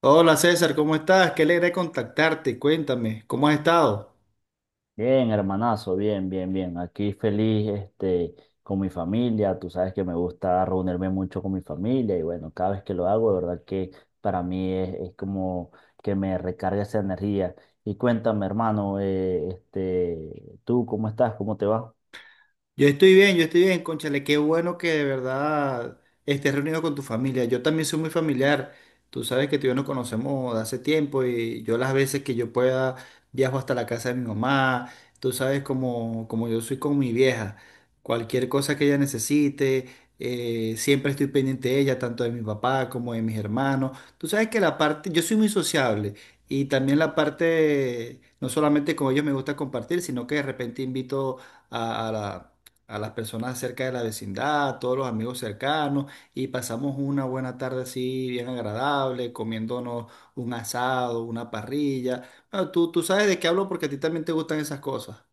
Hola César, ¿cómo estás? Qué alegre contactarte. Cuéntame, ¿cómo has estado? Bien, hermanazo, bien, bien, bien. Aquí feliz, con mi familia. Tú sabes que me gusta reunirme mucho con mi familia y bueno, cada vez que lo hago, de verdad que para mí es como que me recarga esa energía. Y cuéntame, hermano, ¿tú cómo estás? ¿Cómo te va? Yo estoy bien, cónchale, qué bueno que de verdad estés reunido con tu familia. Yo también soy muy familiar. Tú sabes que tú y yo nos conocemos de hace tiempo y yo las veces que yo pueda viajo hasta la casa de mi mamá. Tú sabes como yo soy con mi vieja. Cualquier cosa que ella necesite, siempre estoy pendiente de ella, tanto de mi papá como de mis hermanos. Tú sabes que la parte, yo soy muy sociable y también la parte, no solamente con ellos me gusta compartir, sino que de repente invito a, a la a las personas cerca de la vecindad, a todos los amigos cercanos, y pasamos una buena tarde así bien agradable, comiéndonos un asado, una parrilla. Bueno, tú sabes de qué hablo porque a ti también te gustan esas cosas.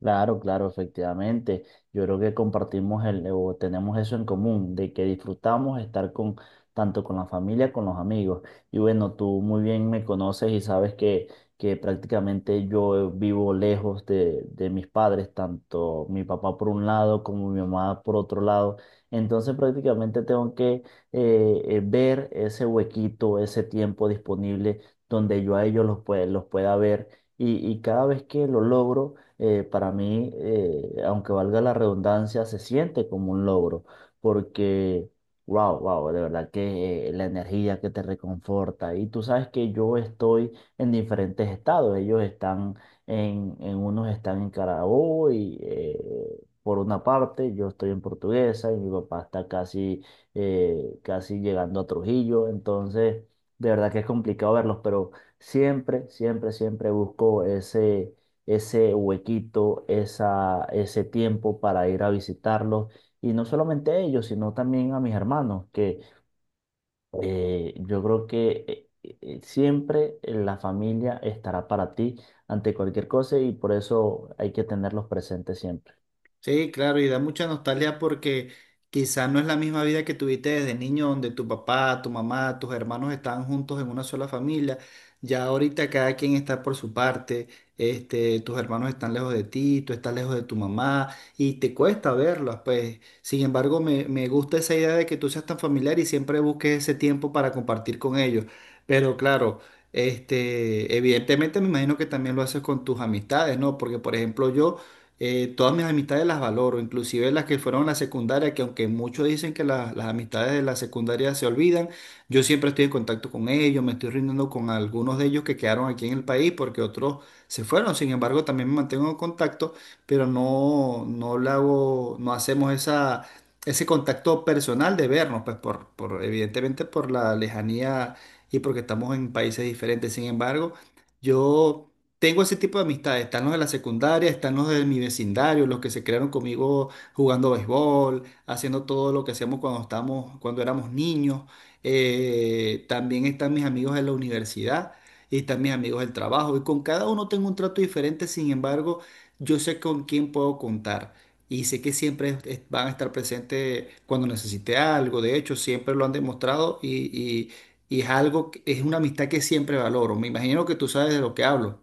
Claro, claro, efectivamente. Yo creo que compartimos el, o tenemos eso en común, de que disfrutamos estar con tanto con la familia, con los amigos. Y bueno, tú muy bien me conoces y sabes que prácticamente yo vivo lejos de mis padres, tanto mi papá por un lado como mi mamá por otro lado. Entonces prácticamente tengo que ver ese huequito, ese tiempo disponible donde yo a ellos los pueda ver. Y cada vez que lo logro, para mí, aunque valga la redundancia, se siente como un logro, porque, wow, de verdad que la energía que te reconforta. Y tú sabes que yo estoy en diferentes estados, ellos están en unos están en Carabobo Por una parte, yo estoy en Portuguesa y mi papá está casi llegando a Trujillo, entonces de verdad que es complicado verlos, pero siempre busco ese huequito, ese tiempo para ir a visitarlos. Y no solamente a ellos, sino también a mis hermanos, que yo creo que siempre la familia estará para ti ante cualquier cosa y por eso hay que tenerlos presentes siempre. Sí, claro, y da mucha nostalgia porque quizá no es la misma vida que tuviste desde niño, donde tu papá, tu mamá, tus hermanos estaban juntos en una sola familia. Ya ahorita cada quien está por su parte, este, tus hermanos están lejos de ti, tú estás lejos de tu mamá y te cuesta verlos, pues. Sin embargo, me gusta esa idea de que tú seas tan familiar y siempre busques ese tiempo para compartir con ellos. Pero claro, este, evidentemente me imagino que también lo haces con tus amistades, ¿no? Porque, por ejemplo, yo todas mis amistades las valoro, inclusive las que fueron a la secundaria, que aunque muchos dicen que las amistades de la secundaria se olvidan, yo siempre estoy en contacto con ellos, me estoy rindiendo con algunos de ellos que quedaron aquí en el país porque otros se fueron, sin embargo también me mantengo en contacto, pero no, no le hago, no hacemos ese contacto personal de vernos, pues evidentemente por la lejanía y porque estamos en países diferentes, sin embargo, yo tengo ese tipo de amistades, están los de la secundaria, están los de mi vecindario, los que se crearon conmigo jugando béisbol, haciendo todo lo que hacíamos cuando éramos niños. También están mis amigos de la universidad y están mis amigos del trabajo. Y con cada uno tengo un trato diferente, sin embargo, yo sé con quién puedo contar. Y sé que siempre van a estar presentes cuando necesite algo. De hecho, siempre lo han demostrado y y es algo, es una amistad que siempre valoro. Me imagino que tú sabes de lo que hablo.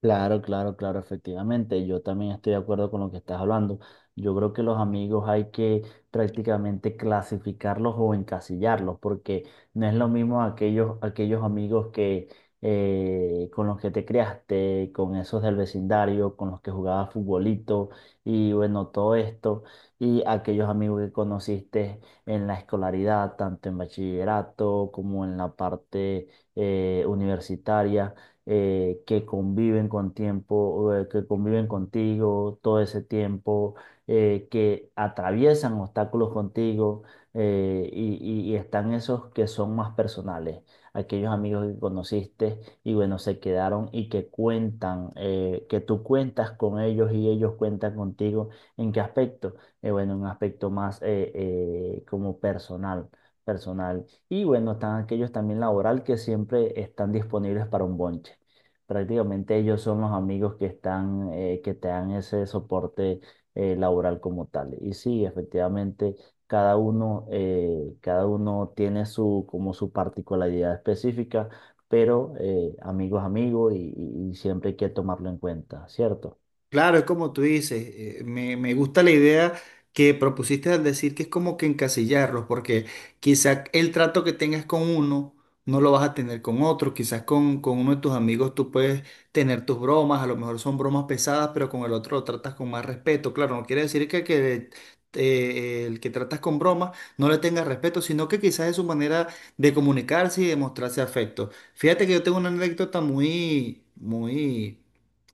Claro, claro, claro, efectivamente. Yo también estoy de acuerdo con lo que estás hablando. Yo creo que los amigos hay que prácticamente clasificarlos o encasillarlos, porque no es lo mismo aquellos amigos que con los que te criaste, con esos del vecindario, con los que jugabas futbolito y bueno, todo esto, y aquellos amigos que conociste en la escolaridad, tanto en bachillerato como en la parte universitaria, que conviven con tiempo, que conviven contigo todo ese tiempo, que atraviesan obstáculos contigo, y están esos que son más personales, aquellos amigos que conociste y bueno, se quedaron y que cuentan, que tú cuentas con ellos y ellos cuentan contigo. ¿En qué aspecto? Bueno, un aspecto más como personal, personal y bueno, están aquellos también laboral que siempre están disponibles para un bonche. Prácticamente ellos son los amigos que están, que te dan ese soporte laboral como tal. Y sí, efectivamente, cada uno tiene su, como su particularidad específica, pero amigos, amigos y siempre hay que tomarlo en cuenta, ¿cierto? Claro, es como tú dices, me gusta la idea que propusiste al decir que es como que encasillarlos, porque quizás el trato que tengas con uno no lo vas a tener con otro, quizás con uno de tus amigos tú puedes tener tus bromas, a lo mejor son bromas pesadas, pero con el otro lo tratas con más respeto. Claro, no quiere decir el que tratas con bromas no le tengas respeto, sino que quizás es su manera de comunicarse y de mostrarse afecto. Fíjate que yo tengo una anécdota muy, muy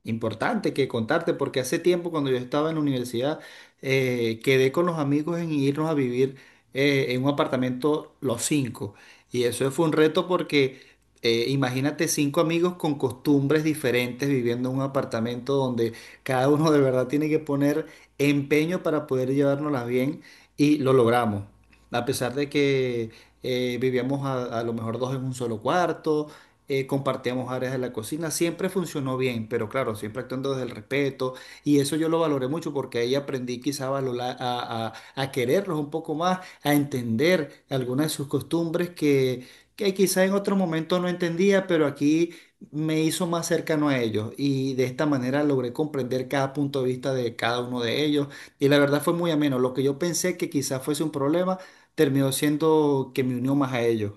importante que contarte, porque hace tiempo cuando yo estaba en la universidad, quedé con los amigos en irnos a vivir en un apartamento los cinco. Y eso fue un reto porque imagínate cinco amigos con costumbres diferentes viviendo en un apartamento donde cada uno de verdad tiene que poner empeño para poder llevárnoslas bien y lo logramos. A pesar de que vivíamos a lo mejor dos en un solo cuarto, compartíamos áreas de la cocina, siempre funcionó bien, pero claro, siempre actuando desde el respeto y eso yo lo valoré mucho porque ahí aprendí quizá a quererlos un poco más, a entender algunas de sus costumbres que quizá en otro momento no entendía, pero aquí me hizo más cercano a ellos y de esta manera logré comprender cada punto de vista de cada uno de ellos y la verdad fue muy ameno, lo que yo pensé que quizá fuese un problema terminó siendo que me unió más a ellos.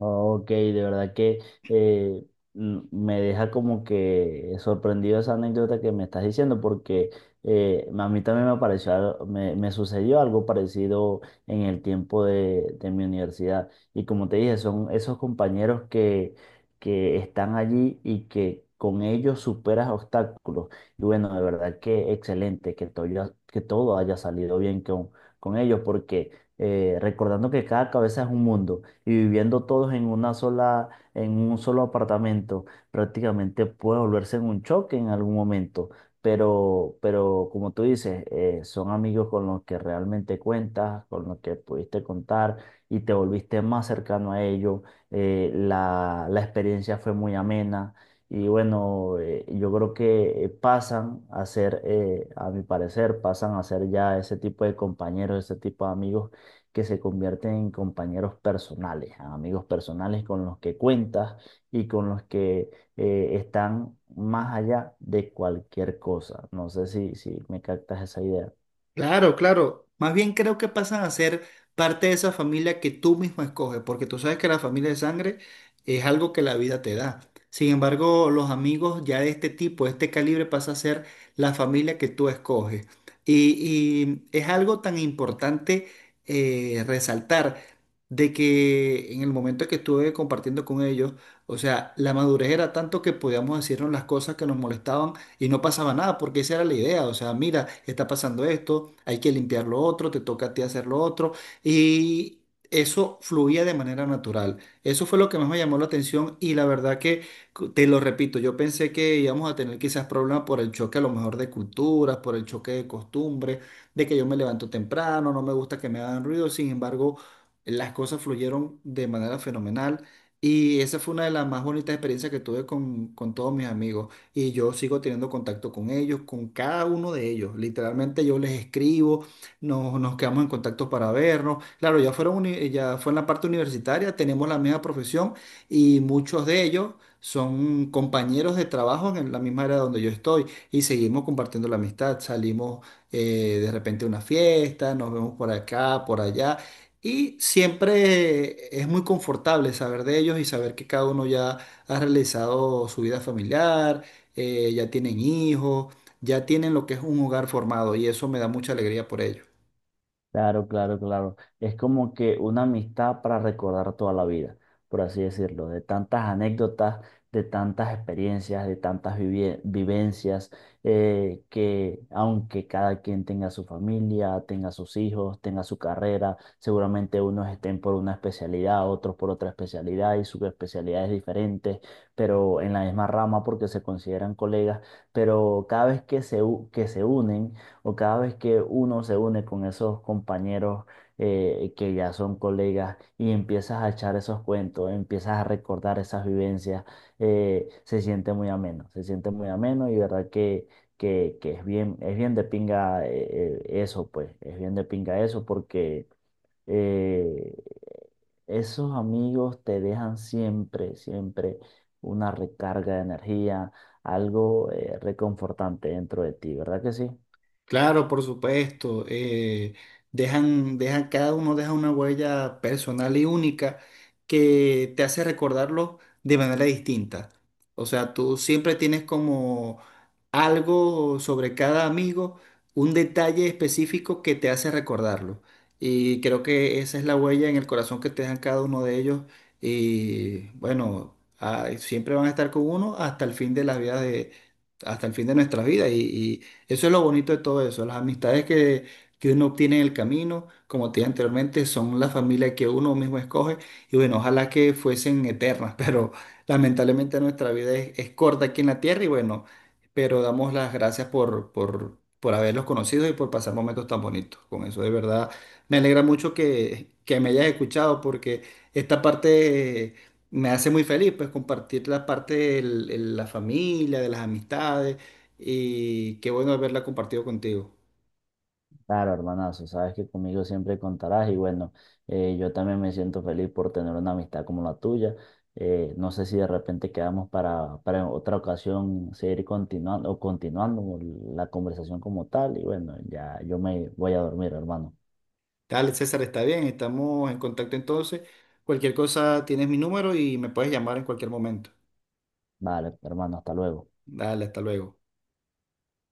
Oh, ok, de verdad que eh, me deja como que sorprendido esa anécdota que me estás diciendo, porque a mí también me pareció, al- me sucedió algo parecido en el tiempo de mi universidad. Y como te dije, son esos compañeros que están allí y que con ellos superas obstáculos. Y bueno, de verdad que excelente que que todo haya salido bien con ellos, porque recordando que cada cabeza es un mundo y viviendo todos en una sola, en un solo apartamento, prácticamente puede volverse en un choque en algún momento. Pero como tú dices, son amigos con los que realmente cuentas, con los que pudiste contar y te volviste más cercano a ellos. La experiencia fue muy amena. Y bueno, yo creo que pasan a ser, a mi parecer, pasan a ser ya ese tipo de compañeros, ese tipo de amigos que se convierten en compañeros personales, amigos personales con los que cuentas y con los que están más allá de cualquier cosa. No sé si, si me captas esa idea. Claro, claro. Más bien creo que pasan a ser parte de esa familia que tú mismo escoges, porque tú sabes que la familia de sangre es algo que la vida te da. Sin embargo, los amigos ya de este tipo, de este calibre, pasa a ser la familia que tú escoges. Y, y es algo tan importante resaltar de que en el momento que estuve compartiendo con ellos, o sea, la madurez era tanto que podíamos decirnos las cosas que nos molestaban y no pasaba nada, porque esa era la idea, o sea, mira, está pasando esto, hay que limpiar lo otro, te toca a ti hacer lo otro, y eso fluía de manera natural. Eso fue lo que más me llamó la atención y la verdad que, te lo repito, yo pensé que íbamos a tener quizás problemas por el choque a lo mejor de culturas, por el choque de costumbres, de que yo me levanto temprano, no me gusta que me hagan ruido, sin embargo, las cosas fluyeron de manera fenomenal. Y esa fue una de las más bonitas experiencias que tuve con todos mis amigos y yo sigo teniendo contacto con ellos, con cada uno de ellos. Literalmente yo les escribo, nos quedamos en contacto para vernos. Claro, ya fue en la parte universitaria, tenemos la misma profesión y muchos de ellos son compañeros de trabajo en la misma área donde yo estoy y seguimos compartiendo la amistad. Salimos de repente a una fiesta, nos vemos por acá, por allá. Y siempre es muy confortable saber de ellos y saber que cada uno ya ha realizado su vida familiar, ya tienen hijos, ya tienen lo que es un hogar formado y eso me da mucha alegría por ellos. Claro, claro, claro. Es como que una amistad para recordar toda la vida, por así decirlo, de tantas anécdotas, de tantas experiencias, de tantas vivencias, que aunque cada quien tenga su familia, tenga sus hijos, tenga su carrera, seguramente unos estén por una especialidad, otros por otra especialidad y subespecialidades diferentes, pero en la misma rama porque se consideran colegas, pero cada vez que que se unen o cada vez que uno se une con esos compañeros que ya son colegas y empiezas a echar esos cuentos, empiezas a recordar esas vivencias, se siente muy ameno, se siente muy ameno y verdad que es bien de pinga eso, pues, es bien de pinga eso porque... eh, esos amigos te dejan siempre, siempre una recarga de energía, algo reconfortante dentro de ti, ¿verdad que sí? Claro, por supuesto. Cada uno deja una huella personal y única que te hace recordarlo de manera distinta. O sea, tú siempre tienes como algo sobre cada amigo, un detalle específico que te hace recordarlo. Y creo que esa es la huella en el corazón que te dejan cada uno de ellos. Y bueno, ah, siempre van a estar con uno hasta el fin de nuestra vida. Eso es lo bonito de todo eso. Las amistades que uno obtiene en el camino, como te dije anteriormente, son la familia que uno mismo escoge. Y bueno, ojalá que fuesen eternas, pero lamentablemente nuestra vida es corta aquí en la tierra. Y bueno, pero damos las gracias por haberlos conocido y por pasar momentos tan bonitos. Con eso, de verdad, me alegra mucho que me hayas escuchado porque esta parte me hace muy feliz, pues, compartir la parte de la familia, de las amistades, y qué bueno haberla compartido contigo. Claro, hermanazo, sabes que conmigo siempre contarás y bueno, yo también me siento feliz por tener una amistad como la tuya. No sé si de repente quedamos para en otra ocasión seguir continuando o continuando la conversación como tal y bueno, ya yo me voy a dormir, hermano. Dale, César, está bien, estamos en contacto entonces. Cualquier cosa, tienes mi número y me puedes llamar en cualquier momento. Vale, hermano, hasta luego. Dale, hasta luego.